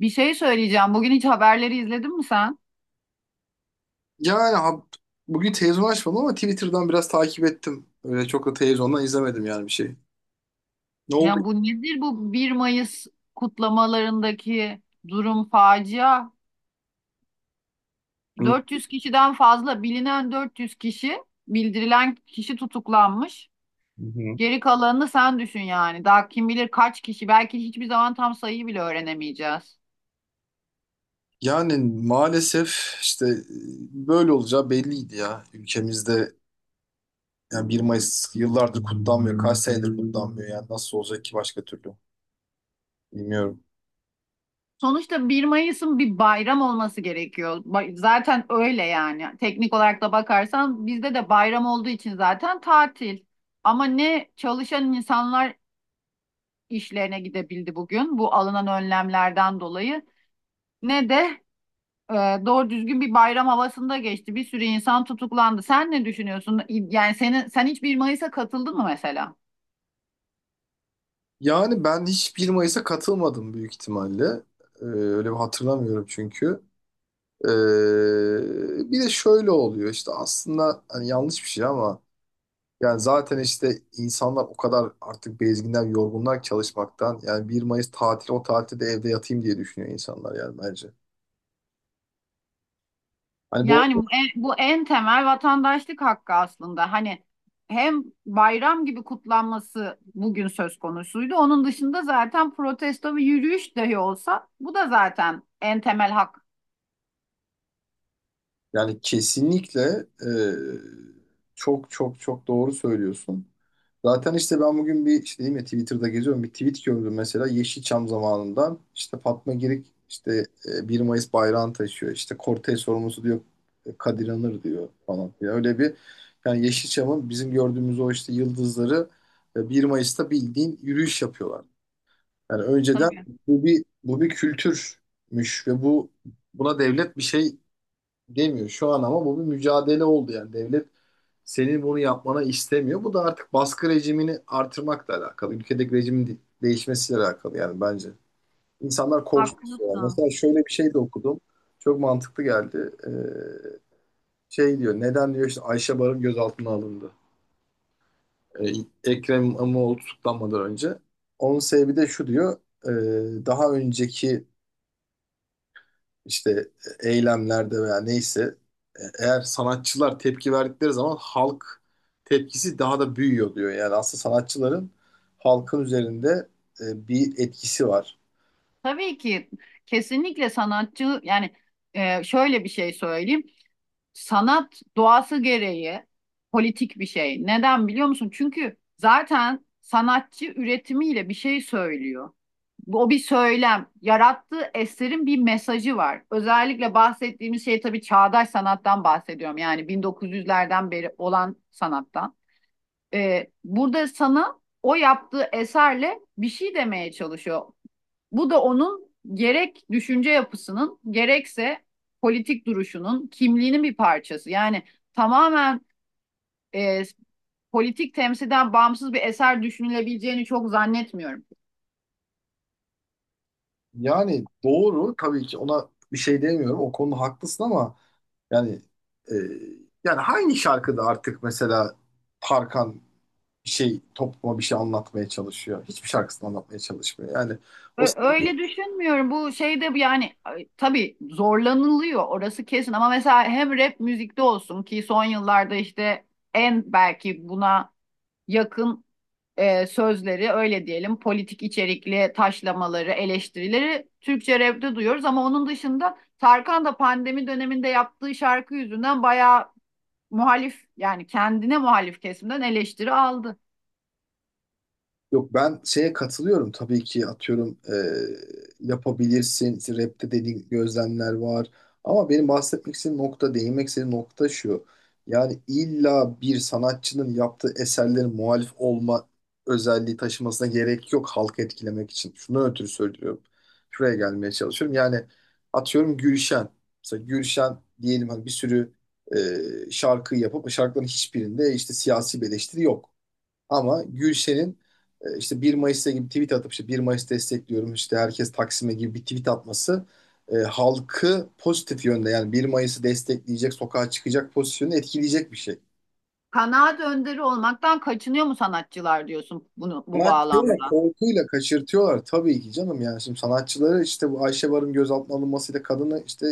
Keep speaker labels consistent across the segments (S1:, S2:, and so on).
S1: Bir şey söyleyeceğim. Bugün hiç haberleri izledin mi sen?
S2: Yani bugün televizyon açmadım ama Twitter'dan biraz takip ettim. Öyle çok da televizyondan izlemedim yani bir şey. Ne oldu?
S1: Yani bu nedir bu 1 Mayıs kutlamalarındaki durum facia?
S2: Hı
S1: 400 kişiden fazla bilinen 400 kişi, bildirilen kişi tutuklanmış.
S2: hı.
S1: Geri kalanını sen düşün yani. Daha kim bilir kaç kişi. Belki hiçbir zaman tam sayıyı bile öğrenemeyeceğiz.
S2: Yani maalesef işte böyle olacağı belliydi ya. Ülkemizde yani 1 Mayıs yıllardır kutlanmıyor. Kaç senedir kutlanmıyor yani nasıl olacak ki başka türlü? Bilmiyorum.
S1: Sonuçta bir Mayıs'ın bir bayram olması gerekiyor. Zaten öyle yani. Teknik olarak da bakarsan bizde de bayram olduğu için zaten tatil. Ama ne çalışan insanlar işlerine gidebildi bugün bu alınan önlemlerden dolayı ne de e, doğru düzgün bir bayram havasında geçti. Bir sürü insan tutuklandı. Sen ne düşünüyorsun? Yani sen hiç bir Mayıs'a katıldın mı mesela?
S2: Yani ben hiç 1 Mayıs'a katılmadım büyük ihtimalle. Öyle bir hatırlamıyorum çünkü. Bir de şöyle oluyor işte aslında hani yanlış bir şey ama yani zaten işte insanlar o kadar artık bezginden, yorgunlar ki çalışmaktan. Yani 1 Mayıs tatili, o tatilde de evde yatayım diye düşünüyor insanlar yani bence. Hani bu,
S1: Yani bu en temel vatandaşlık hakkı aslında. Hani hem bayram gibi kutlanması bugün söz konusuydu. Onun dışında zaten protesto ve yürüyüş dahi olsa bu da zaten en temel hak.
S2: yani kesinlikle e, çok çok çok doğru söylüyorsun. Zaten işte ben bugün bir işte, değil mi, Twitter'da geziyorum, bir tweet gördüm mesela Yeşilçam zamanından, işte Fatma Girik işte 1 Mayıs bayrağını taşıyor, işte kortej sorumlusu diyor Kadir Anır diyor falan. Yani öyle bir, yani Yeşilçam'ın bizim gördüğümüz o işte yıldızları 1 Mayıs'ta bildiğin yürüyüş yapıyorlar. Yani önceden
S1: Tabii.
S2: bu bir kültürmüş ve bu, buna devlet bir şey demiyor. Şu an ama bu bir mücadele oldu yani. Devlet senin bunu yapmana istemiyor. Bu da artık baskı rejimini artırmakla alakalı. Ülkedeki rejimin değişmesiyle alakalı yani bence. İnsanlar korksun istiyorlar.
S1: Haklısın.
S2: Mesela şöyle bir şey de okudum. Çok mantıklı geldi. Şey diyor, neden diyor işte Ayşe Barın gözaltına alındı. Ee, Ekrem İmamoğlu tutuklanmadan önce. Onun sebebi de şu diyor. Daha önceki işte eylemlerde veya neyse eğer sanatçılar tepki verdikleri zaman halk tepkisi daha da büyüyor diyor. Yani aslında sanatçıların halkın üzerinde bir etkisi var.
S1: Tabii ki kesinlikle sanatçı yani şöyle bir şey söyleyeyim. Sanat doğası gereği politik bir şey. Neden biliyor musun? Çünkü zaten sanatçı üretimiyle bir şey söylüyor. O bir söylem. Yarattığı eserin bir mesajı var. Özellikle bahsettiğimiz şey tabii çağdaş sanattan bahsediyorum. Yani 1900'lerden beri olan sanattan. Burada sana o yaptığı eserle bir şey demeye çalışıyor. Bu da onun gerek düşünce yapısının gerekse politik duruşunun kimliğinin bir parçası. Yani tamamen e, politik temsilden bağımsız bir eser düşünülebileceğini çok zannetmiyorum.
S2: Yani doğru, tabii ki, ona bir şey demiyorum. O konuda haklısın ama yani e, yani hangi şarkıda artık mesela Tarkan bir şey topluma bir şey anlatmaya çalışıyor? Hiçbir şarkısını anlatmaya çalışmıyor. Yani o,
S1: Öyle düşünmüyorum. Bu şeyde bu yani ay, tabii zorlanılıyor orası kesin ama mesela hem rap müzikte olsun ki son yıllarda işte en belki buna yakın sözleri öyle diyelim politik içerikli taşlamaları, eleştirileri Türkçe rapte duyuyoruz ama onun dışında Tarkan da pandemi döneminde yaptığı şarkı yüzünden bayağı muhalif yani kendine muhalif kesimden eleştiri aldı.
S2: yok, ben şeye katılıyorum tabii ki, atıyorum yapabilirsin, İşte rapte dediğin gözlemler var ama benim bahsetmek istediğim nokta, değinmek istediğim nokta şu: yani illa bir sanatçının yaptığı eserlerin muhalif olma özelliği taşımasına gerek yok halkı etkilemek için. Şunu ötürü söylüyorum, şuraya gelmeye çalışıyorum, yani atıyorum Gülşen, mesela Gülşen diyelim, hani bir sürü şarkı yapıp şarkıların hiçbirinde işte siyasi bir eleştiri yok. Ama Gülşen'in işte 1 Mayıs'ta gibi tweet atıp, işte 1 Mayıs destekliyorum, işte herkes Taksim'e gibi bir tweet atması halkı pozitif yönde, yani 1 Mayıs'ı destekleyecek, sokağa çıkacak pozisyonu etkileyecek bir şey.
S1: Kanaat önderi olmaktan kaçınıyor mu sanatçılar diyorsun bunu bu
S2: Sanatçıyı
S1: bağlamda?
S2: korkuyla kaçırtıyorlar tabii ki canım. Yani şimdi sanatçıları, işte bu Ayşe Barın gözaltına alınmasıyla kadını, işte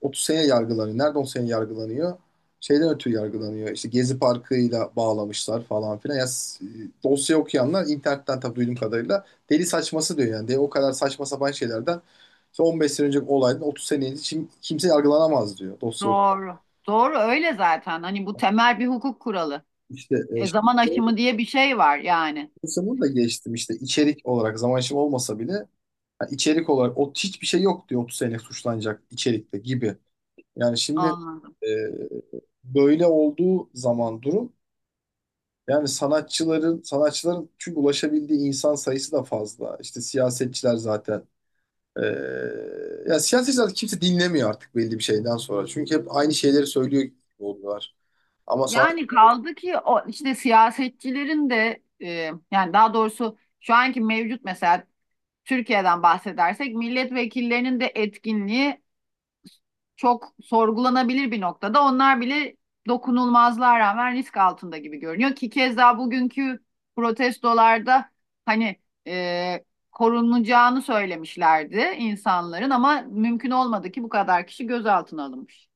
S2: 30 sene yargılanıyor. Nerede 10 sene yargılanıyor? Şeyden ötürü yargılanıyor. İşte Gezi Parkı'yla bağlamışlar falan filan. Ya, dosya okuyanlar internetten, tabii duyduğum kadarıyla, deli saçması diyor yani. De, o kadar saçma sapan şeylerden, işte 15 sene önceki olaydan 30 sene önce kimse yargılanamaz diyor dosya.
S1: Doğru. Doğru öyle zaten. Hani bu temel bir hukuk kuralı.
S2: İşte şimdi
S1: Zaman aşımı diye bir şey var yani.
S2: dosya, bunu da geçtim, işte içerik olarak zaman şimdi olmasa bile, yani içerik olarak o hiçbir şey yok diyor, 30 sene suçlanacak içerikte gibi. Yani şimdi
S1: Anladım.
S2: e, böyle olduğu zaman durum, yani sanatçıların çünkü ulaşabildiği insan sayısı da fazla. İşte siyasetçiler zaten e, ya siyasetçiler, kimse dinlemiyor artık belli bir şeyden sonra. Çünkü hep aynı şeyleri söylüyor gibi oluyorlar. Ama sanat,
S1: Yani kaldı ki o işte siyasetçilerin de yani daha doğrusu şu anki mevcut mesela Türkiye'den bahsedersek milletvekillerinin de etkinliği çok sorgulanabilir bir noktada. Onlar bile dokunulmazlığa rağmen risk altında gibi görünüyor ki keza bugünkü protestolarda hani e, korunacağını söylemişlerdi insanların ama mümkün olmadı ki bu kadar kişi gözaltına alınmış.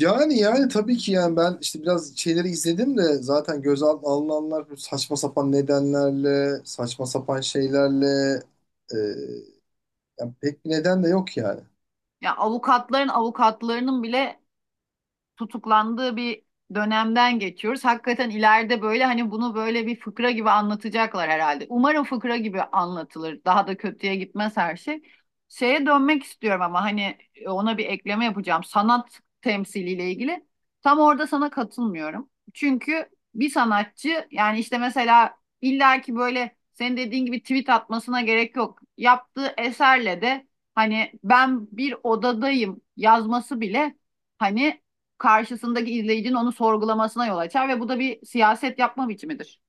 S2: yani, yani tabii ki, yani ben işte biraz şeyleri izledim de zaten gözaltına alınanlar bu saçma sapan nedenlerle, saçma sapan şeylerle, e, yani pek bir neden de yok yani.
S1: Ya yani avukatlarının bile tutuklandığı bir dönemden geçiyoruz. Hakikaten ileride böyle hani bunu böyle bir fıkra gibi anlatacaklar herhalde. Umarım fıkra gibi anlatılır. Daha da kötüye gitmez her şey. Şeye dönmek istiyorum ama hani ona bir ekleme yapacağım. Sanat temsiliyle ilgili. Tam orada sana katılmıyorum. Çünkü bir sanatçı yani işte mesela illaki böyle senin dediğin gibi tweet atmasına gerek yok. Yaptığı eserle de hani ben bir odadayım yazması bile hani karşısındaki izleyicinin onu sorgulamasına yol açar ve bu da bir siyaset yapma biçimidir.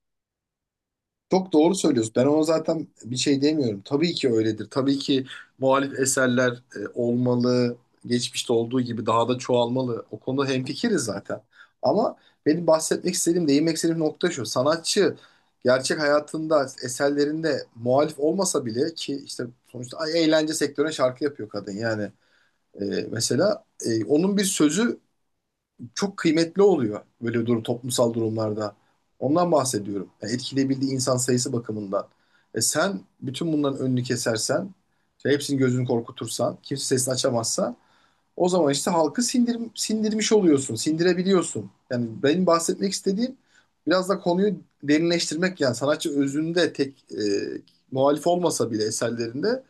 S2: Çok doğru söylüyorsun. Ben ona zaten bir şey demiyorum. Tabii ki öyledir. Tabii ki muhalif eserler olmalı. Geçmişte olduğu gibi daha da çoğalmalı. O konuda hemfikiriz zaten. Ama benim bahsetmek istediğim, değinmek istediğim nokta şu: sanatçı gerçek hayatında, eserlerinde muhalif olmasa bile ki işte sonuçta, eğlence sektörüne şarkı yapıyor kadın yani. E, Mesela onun bir sözü çok kıymetli oluyor böyle durum, toplumsal durumlarda. Ondan bahsediyorum. Yani etkileyebildiği insan sayısı bakımından. Sen bütün bunların önünü kesersen, işte hepsinin gözünü korkutursan, kimse sesini açamazsa, o zaman işte halkı sindir, sindirmiş oluyorsun, sindirebiliyorsun. Yani benim bahsetmek istediğim, biraz da konuyu derinleştirmek, yani sanatçı özünde tek muhalif olmasa bile eserlerinde,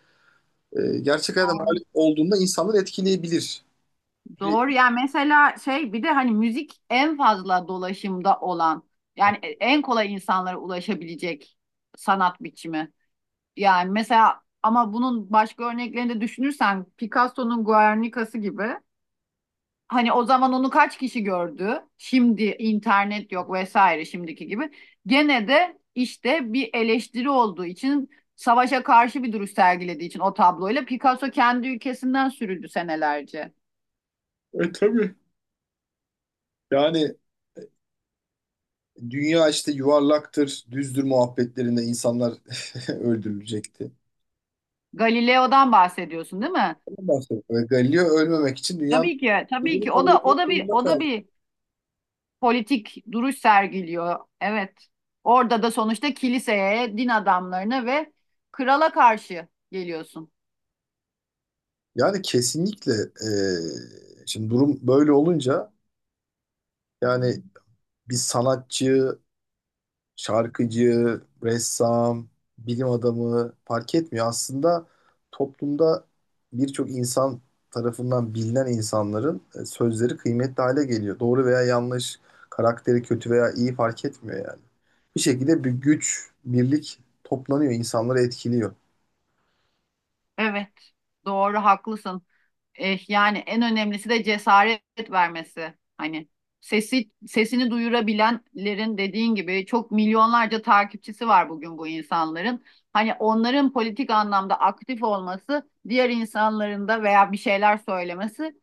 S2: gerçek hayatta
S1: Doğru.
S2: muhalif olduğunda insanları etkileyebilir. E,
S1: Doğru yani mesela şey bir de hani müzik en fazla dolaşımda olan yani en kolay insanlara ulaşabilecek sanat biçimi. Yani mesela ama bunun başka örneklerini de düşünürsen Picasso'nun Guernica'sı gibi. Hani o zaman onu kaç kişi gördü? Şimdi internet yok vesaire şimdiki gibi. Gene de işte bir eleştiri olduğu için savaşa karşı bir duruş sergilediği için o tabloyla Picasso kendi ülkesinden sürüldü senelerce.
S2: tabii. Yani dünya işte yuvarlaktır, düzdür muhabbetlerinde insanlar öldürülecekti.
S1: Galileo'dan bahsediyorsun değil mi?
S2: Ondan bahsediyor. Ve Galileo ölmemek için dünyanın
S1: Tabii ki, tabii
S2: olduğunu
S1: ki. O
S2: kabul
S1: da
S2: etmek
S1: o da bir
S2: zorunda
S1: o da
S2: kaldı.
S1: bir politik duruş sergiliyor. Evet. Orada da sonuçta kiliseye, din adamlarına ve krala karşı geliyorsun.
S2: Yani kesinlikle şimdi durum böyle olunca, yani bir sanatçı, şarkıcı, ressam, bilim adamı fark etmiyor. Aslında toplumda birçok insan tarafından bilinen insanların sözleri kıymetli hale geliyor. Doğru veya yanlış, karakteri kötü veya iyi, fark etmiyor yani. Bir şekilde bir güç, birlik toplanıyor, insanları etkiliyor.
S1: Evet. Doğru, haklısın. Eh, yani en önemlisi de cesaret vermesi. Hani sesini duyurabilenlerin dediğin gibi çok milyonlarca takipçisi var bugün bu insanların. Hani onların politik anlamda aktif olması, diğer insanların da veya bir şeyler söylemesi,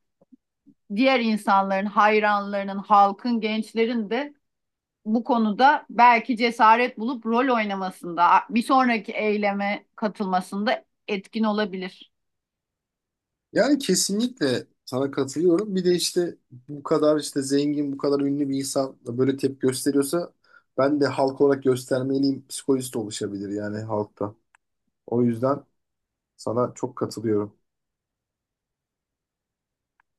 S1: diğer insanların, hayranlarının, halkın, gençlerin de bu konuda belki cesaret bulup rol oynamasında, bir sonraki eyleme katılmasında etkin olabilir.
S2: Yani kesinlikle sana katılıyorum. Bir de işte bu kadar işte zengin, bu kadar ünlü bir insan da böyle tepki gösteriyorsa ben de halk olarak göstermeliyim psikolojisi de oluşabilir yani halkta. O yüzden sana çok katılıyorum.